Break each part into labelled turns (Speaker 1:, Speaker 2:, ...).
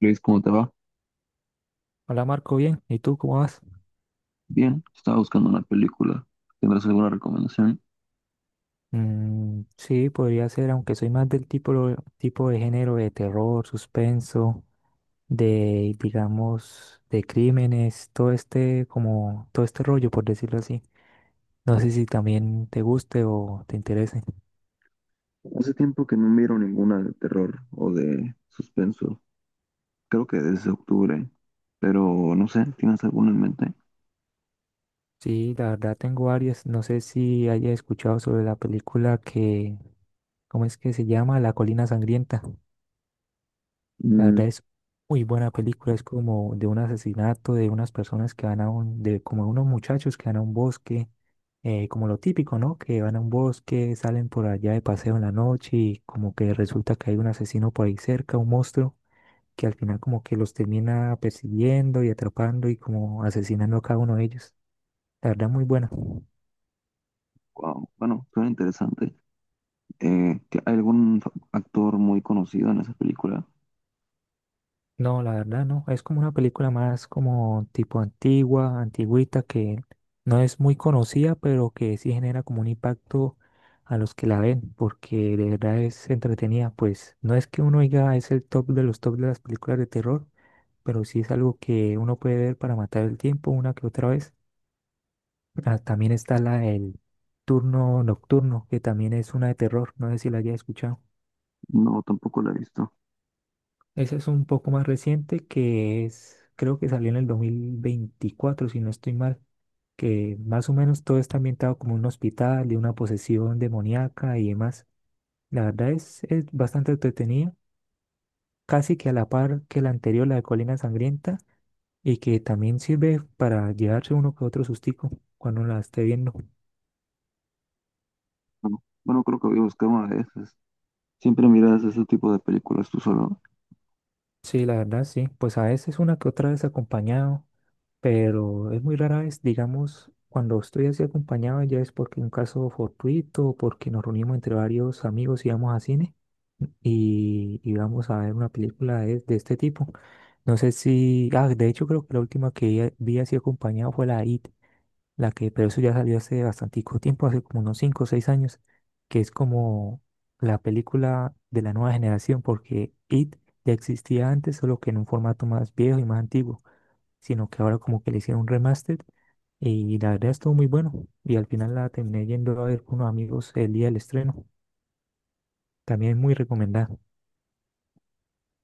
Speaker 1: Luis, ¿cómo te va?
Speaker 2: Hola Marco, bien. ¿Y tú cómo vas?
Speaker 1: Bien, estaba buscando una película. ¿Tendrás alguna recomendación?
Speaker 2: Mm, sí, podría ser, aunque soy más del tipo, tipo de género de terror, suspenso, de, digamos, de crímenes, todo este, como, todo este rollo, por decirlo así. No sé si también te guste o te interese.
Speaker 1: Hace tiempo que no miro ninguna de terror o de suspenso. Creo que desde octubre, pero no sé, ¿tienes alguna en mente?
Speaker 2: Sí, la verdad tengo varias. No sé si hayas escuchado sobre la película que, ¿cómo es que se llama? La Colina Sangrienta. La
Speaker 1: Mm,
Speaker 2: verdad es muy buena película, es como de un asesinato de unas personas que van a un, de como unos muchachos que van a un bosque, como lo típico, ¿no? Que van a un bosque, salen por allá de paseo en la noche y como que resulta que hay un asesino por ahí cerca, un monstruo, que al final como que los termina persiguiendo y atrapando y como asesinando a cada uno de ellos. La verdad muy buena.
Speaker 1: wow, bueno, suena interesante. ¿Que ¿Hay algún actor muy conocido en esa película?
Speaker 2: No, la verdad no. Es como una película más como tipo antigua, antigüita, que no es muy conocida, pero que sí genera como un impacto a los que la ven, porque de verdad es entretenida. Pues no es que uno diga es el top de los top de las películas de terror, pero sí es algo que uno puede ver para matar el tiempo una que otra vez. Ah, también está la el turno nocturno, que también es una de terror. No sé si la haya escuchado.
Speaker 1: No, tampoco la he visto.
Speaker 2: Ese es un poco más reciente que es, creo que salió en el 2024, si no estoy mal, que más o menos todo está ambientado como un hospital de una posesión demoníaca y demás. La verdad es bastante entretenida, casi que a la par que la anterior, la de Colina Sangrienta, y que también sirve para llevarse uno que otro sustico cuando la esté viendo.
Speaker 1: No. Bueno, creo que voy a buscar una de esas. ¿Siempre miras ese tipo de películas tú solo?
Speaker 2: Sí, la verdad sí, pues a veces una que otra vez acompañado pero es muy rara vez, digamos, cuando estoy así acompañado ya es porque un caso fortuito, porque nos reunimos entre varios amigos y vamos a cine y vamos a ver una película de este tipo. No sé si, ah, de hecho creo que la última que ya vi así acompañado fue la IT, pero eso ya salió hace bastante tiempo, hace como unos 5 o 6 años, que es como la película de la nueva generación, porque IT ya existía antes, solo que en un formato más viejo y más antiguo sino que ahora como que le hicieron un remaster y la verdad estuvo muy bueno y al final la terminé yendo a ver con unos amigos el día del estreno. También muy recomendada.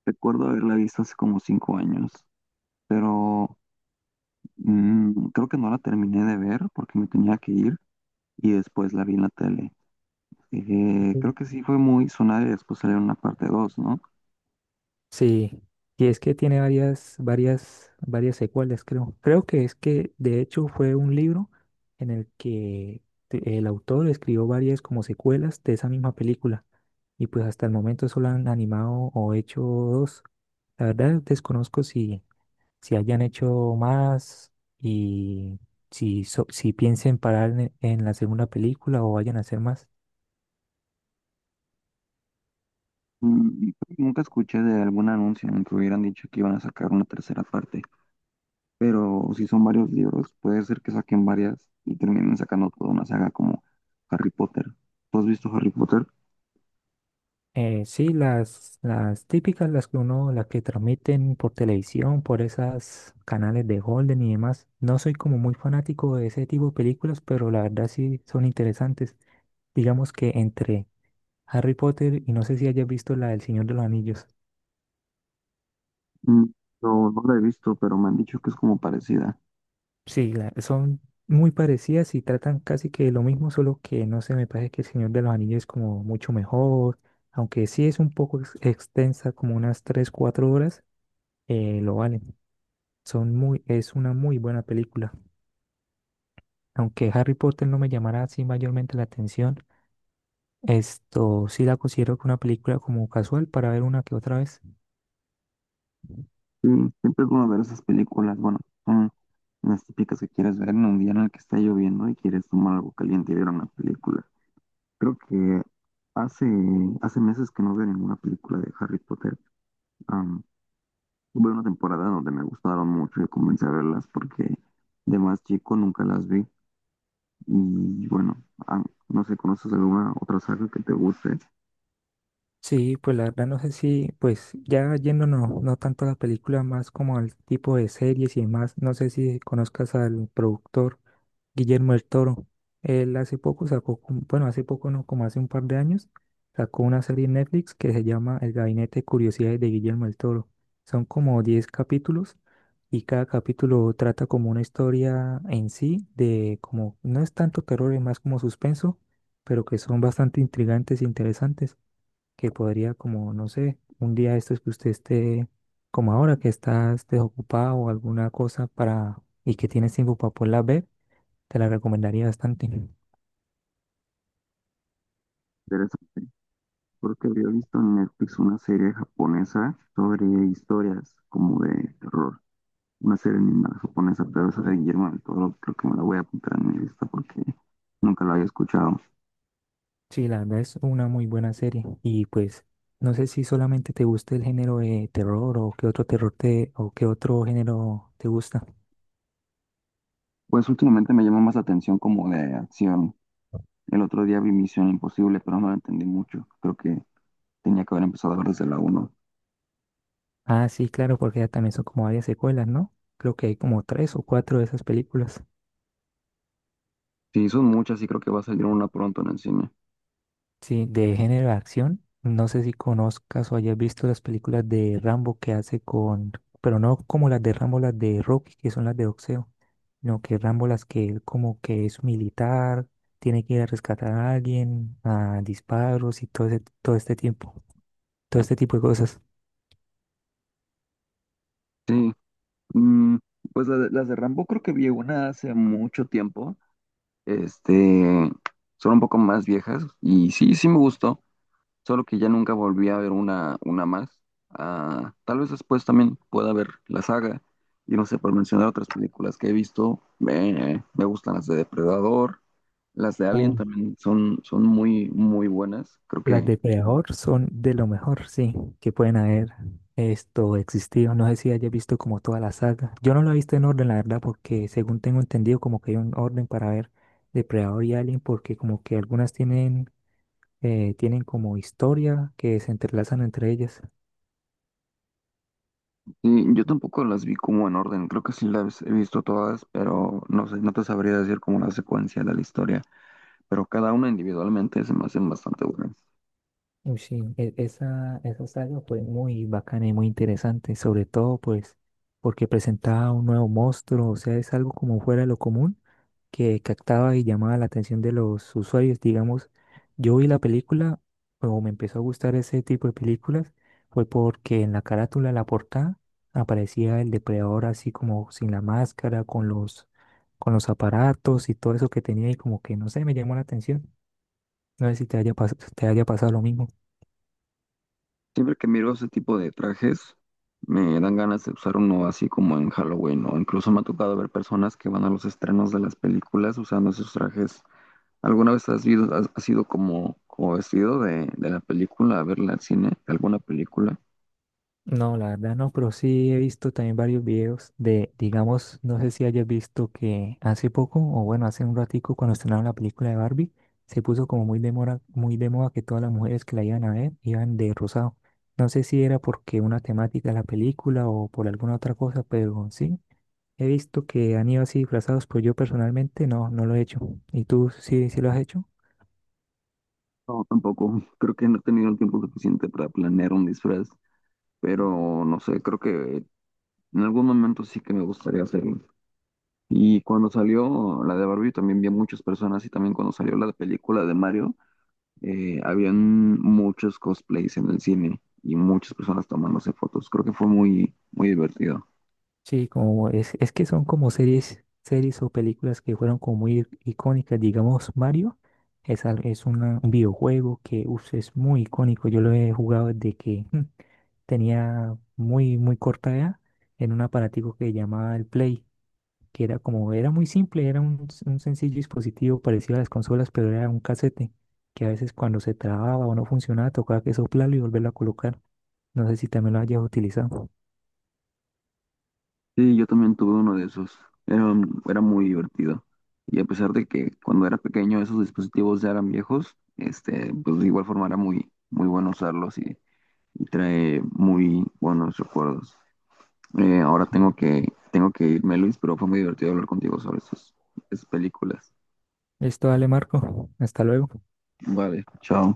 Speaker 1: Recuerdo haberla visto hace como 5 años. Pero Creo que no la terminé de ver porque me tenía que ir y después la vi en la tele.
Speaker 2: Ujú.
Speaker 1: Creo que sí fue muy sonada y después salió una parte 2, ¿no?
Speaker 2: Sí, y es que tiene varias secuelas, creo. Creo que es que de hecho fue un libro en el que el autor escribió varias como secuelas de esa misma película y pues hasta el momento solo han animado o hecho dos. La verdad desconozco si hayan hecho más y si piensen parar en la segunda película o vayan a hacer más.
Speaker 1: Mm, Nunca escuché de algún anuncio en que hubieran dicho que iban a sacar una tercera parte, pero si son varios libros, puede ser que saquen varias y terminen sacando toda una saga como Harry Potter. ¿Tú has visto Harry Potter?
Speaker 2: Sí, las típicas, las que uno, las que transmiten por televisión, por esas canales de Golden y demás. No soy como muy fanático de ese tipo de películas, pero la verdad sí son interesantes. Digamos que entre Harry Potter y no sé si hayas visto la del Señor de los Anillos.
Speaker 1: Mm, No, no la he visto, pero me han dicho que es como parecida.
Speaker 2: Sí, son muy parecidas y tratan casi que lo mismo, solo que no sé, me parece que El Señor de los Anillos es como mucho mejor, aunque sí es un poco extensa, como unas 3 4 horas, lo vale. Son muy, es una muy buena película. Aunque Harry Potter no me llamará así mayormente la atención, esto sí la considero que una película como casual para ver una que otra vez.
Speaker 1: Sí, siempre es bueno ver esas películas, bueno, son las típicas que quieres ver en un día en el que está lloviendo y quieres tomar algo caliente y ver una película. Creo que hace, hace meses que no veo ninguna película de Harry Potter. Am, Hubo una temporada donde me gustaron mucho y comencé a verlas porque de más chico nunca las vi. Y bueno, no sé, ¿conoces alguna otra saga que te guste?
Speaker 2: Sí, pues la verdad no sé si, pues ya yéndonos no tanto a la película, más como al tipo de series y demás, no sé si conozcas al productor Guillermo del Toro. Él hace poco sacó, bueno, hace poco no, como hace un par de años, sacó una serie en Netflix que se llama El Gabinete de Curiosidades de Guillermo del Toro. Son como 10 capítulos y cada capítulo trata como una historia en sí, de como, no es tanto terror, es más como suspenso, pero que son bastante intrigantes e interesantes que podría como, no sé, un día de estos que usted esté como ahora que estás desocupado o alguna cosa para y que tienes tiempo para poderla ver, te la recomendaría bastante.
Speaker 1: Interesante. Creo que había visto en Netflix una serie japonesa sobre historias como de terror, una serie animada japonesa, pero esa de Guillermo del Toro creo que me la voy a apuntar en mi lista porque nunca la había escuchado.
Speaker 2: Sí, la verdad es una muy buena serie y pues no sé si solamente te gusta el género de terror o qué otro terror te o qué otro género te gusta.
Speaker 1: Pues últimamente me llama más la atención como de acción. El otro día vi Misión Imposible, pero no la entendí mucho. Creo que tenía que haber empezado a ver desde la uno.
Speaker 2: Ah, sí, claro, porque ya también son como varias secuelas, ¿no? Creo que hay como tres o cuatro de esas películas.
Speaker 1: Sí, son muchas y creo que va a salir una pronto en el cine.
Speaker 2: Sí, de género de acción. No sé si conozcas o hayas visto las películas de Rambo que hace con, pero no como las de Rambo, las de Rocky, que son las de boxeo, no que Rambo las que él como que es militar, tiene que ir a rescatar a alguien, a disparos y todo este tiempo, todo este tipo de cosas.
Speaker 1: Sí, mm, pues las de Rambo creo que vi una hace mucho tiempo. Este, Son un poco más viejas y sí, sí me gustó. Solo que ya nunca volví a ver una más. Ah, tal vez después también pueda ver la saga. Y no sé, por mencionar otras películas que he visto, me gustan las de Depredador, las de Alien también son, son muy, muy buenas. Creo
Speaker 2: Las
Speaker 1: que
Speaker 2: de Preahor son de lo mejor, sí, que pueden haber esto existido. No sé si hayas visto como toda la saga. Yo no la he visto en orden, la verdad, porque según tengo entendido, como que hay un orden para ver Depredador y Alien, porque como que algunas tienen, tienen como historia que se entrelazan entre ellas.
Speaker 1: sí, yo tampoco las vi como en orden, creo que sí las he visto todas, pero no sé, no te sabría decir como la secuencia de la historia, pero cada una individualmente se me hacen bastante buenas.
Speaker 2: Uy, sí, esa saga fue muy bacana y muy interesante, sobre todo pues porque presentaba un nuevo monstruo, o sea, es algo como fuera de lo común que captaba y llamaba la atención de los usuarios. Digamos, yo vi la película o me empezó a gustar ese tipo de películas fue porque en la carátula, en la portada, aparecía el depredador así como sin la máscara, con los aparatos y todo eso que tenía y como que no sé, me llamó la atención. No sé si te haya, te haya pasado lo mismo.
Speaker 1: Siempre que miro ese tipo de trajes, me dan ganas de usar uno así como en Halloween, o incluso me ha tocado ver personas que van a los estrenos de las películas usando esos trajes. ¿Alguna vez has ido como, como vestido de la película a verla al cine, de alguna película?
Speaker 2: No, la verdad no, pero sí he visto también varios videos de, digamos, no sé si hayas visto que hace poco, o bueno, hace un ratico cuando estrenaron la película de Barbie, se puso como muy de moda que todas las mujeres que la iban a ver iban de rosado. No sé si era porque una temática de la película o por alguna otra cosa, pero sí, he visto que han ido así disfrazados, pero yo personalmente no, no lo he hecho. ¿Y tú sí, sí lo has hecho?
Speaker 1: No, tampoco. Creo que no he tenido el tiempo suficiente para planear un disfraz, pero no sé, creo que en algún momento sí que me gustaría hacerlo. Y cuando salió la de Barbie también vi a muchas personas y también cuando salió la película de Mario. Habían muchos cosplays en el cine y muchas personas tomándose fotos. Creo que fue muy, muy divertido.
Speaker 2: Sí, como es que son como series o películas que fueron como muy icónicas. Digamos, Mario es, al- es una- un videojuego que uf, es muy icónico. Yo lo he jugado desde que tenía muy, muy corta edad en un aparatico que llamaba el Play, que era como, era muy simple, era un sencillo dispositivo parecido a las consolas, pero era un casete que a veces cuando se trababa o no funcionaba, tocaba que soplarlo y volverlo a colocar. No sé si también lo hayas utilizado.
Speaker 1: Sí, yo también tuve uno de esos. Era, Era muy divertido. Y a pesar de que cuando era pequeño esos dispositivos ya eran viejos, este, pues de igual forma era muy, muy bueno usarlos y trae muy buenos recuerdos. Eh, ahora tengo que irme, Luis, pero fue muy divertido hablar contigo sobre esas películas.
Speaker 2: Listo, dale, Marco. Hasta luego.
Speaker 1: Vale, chao.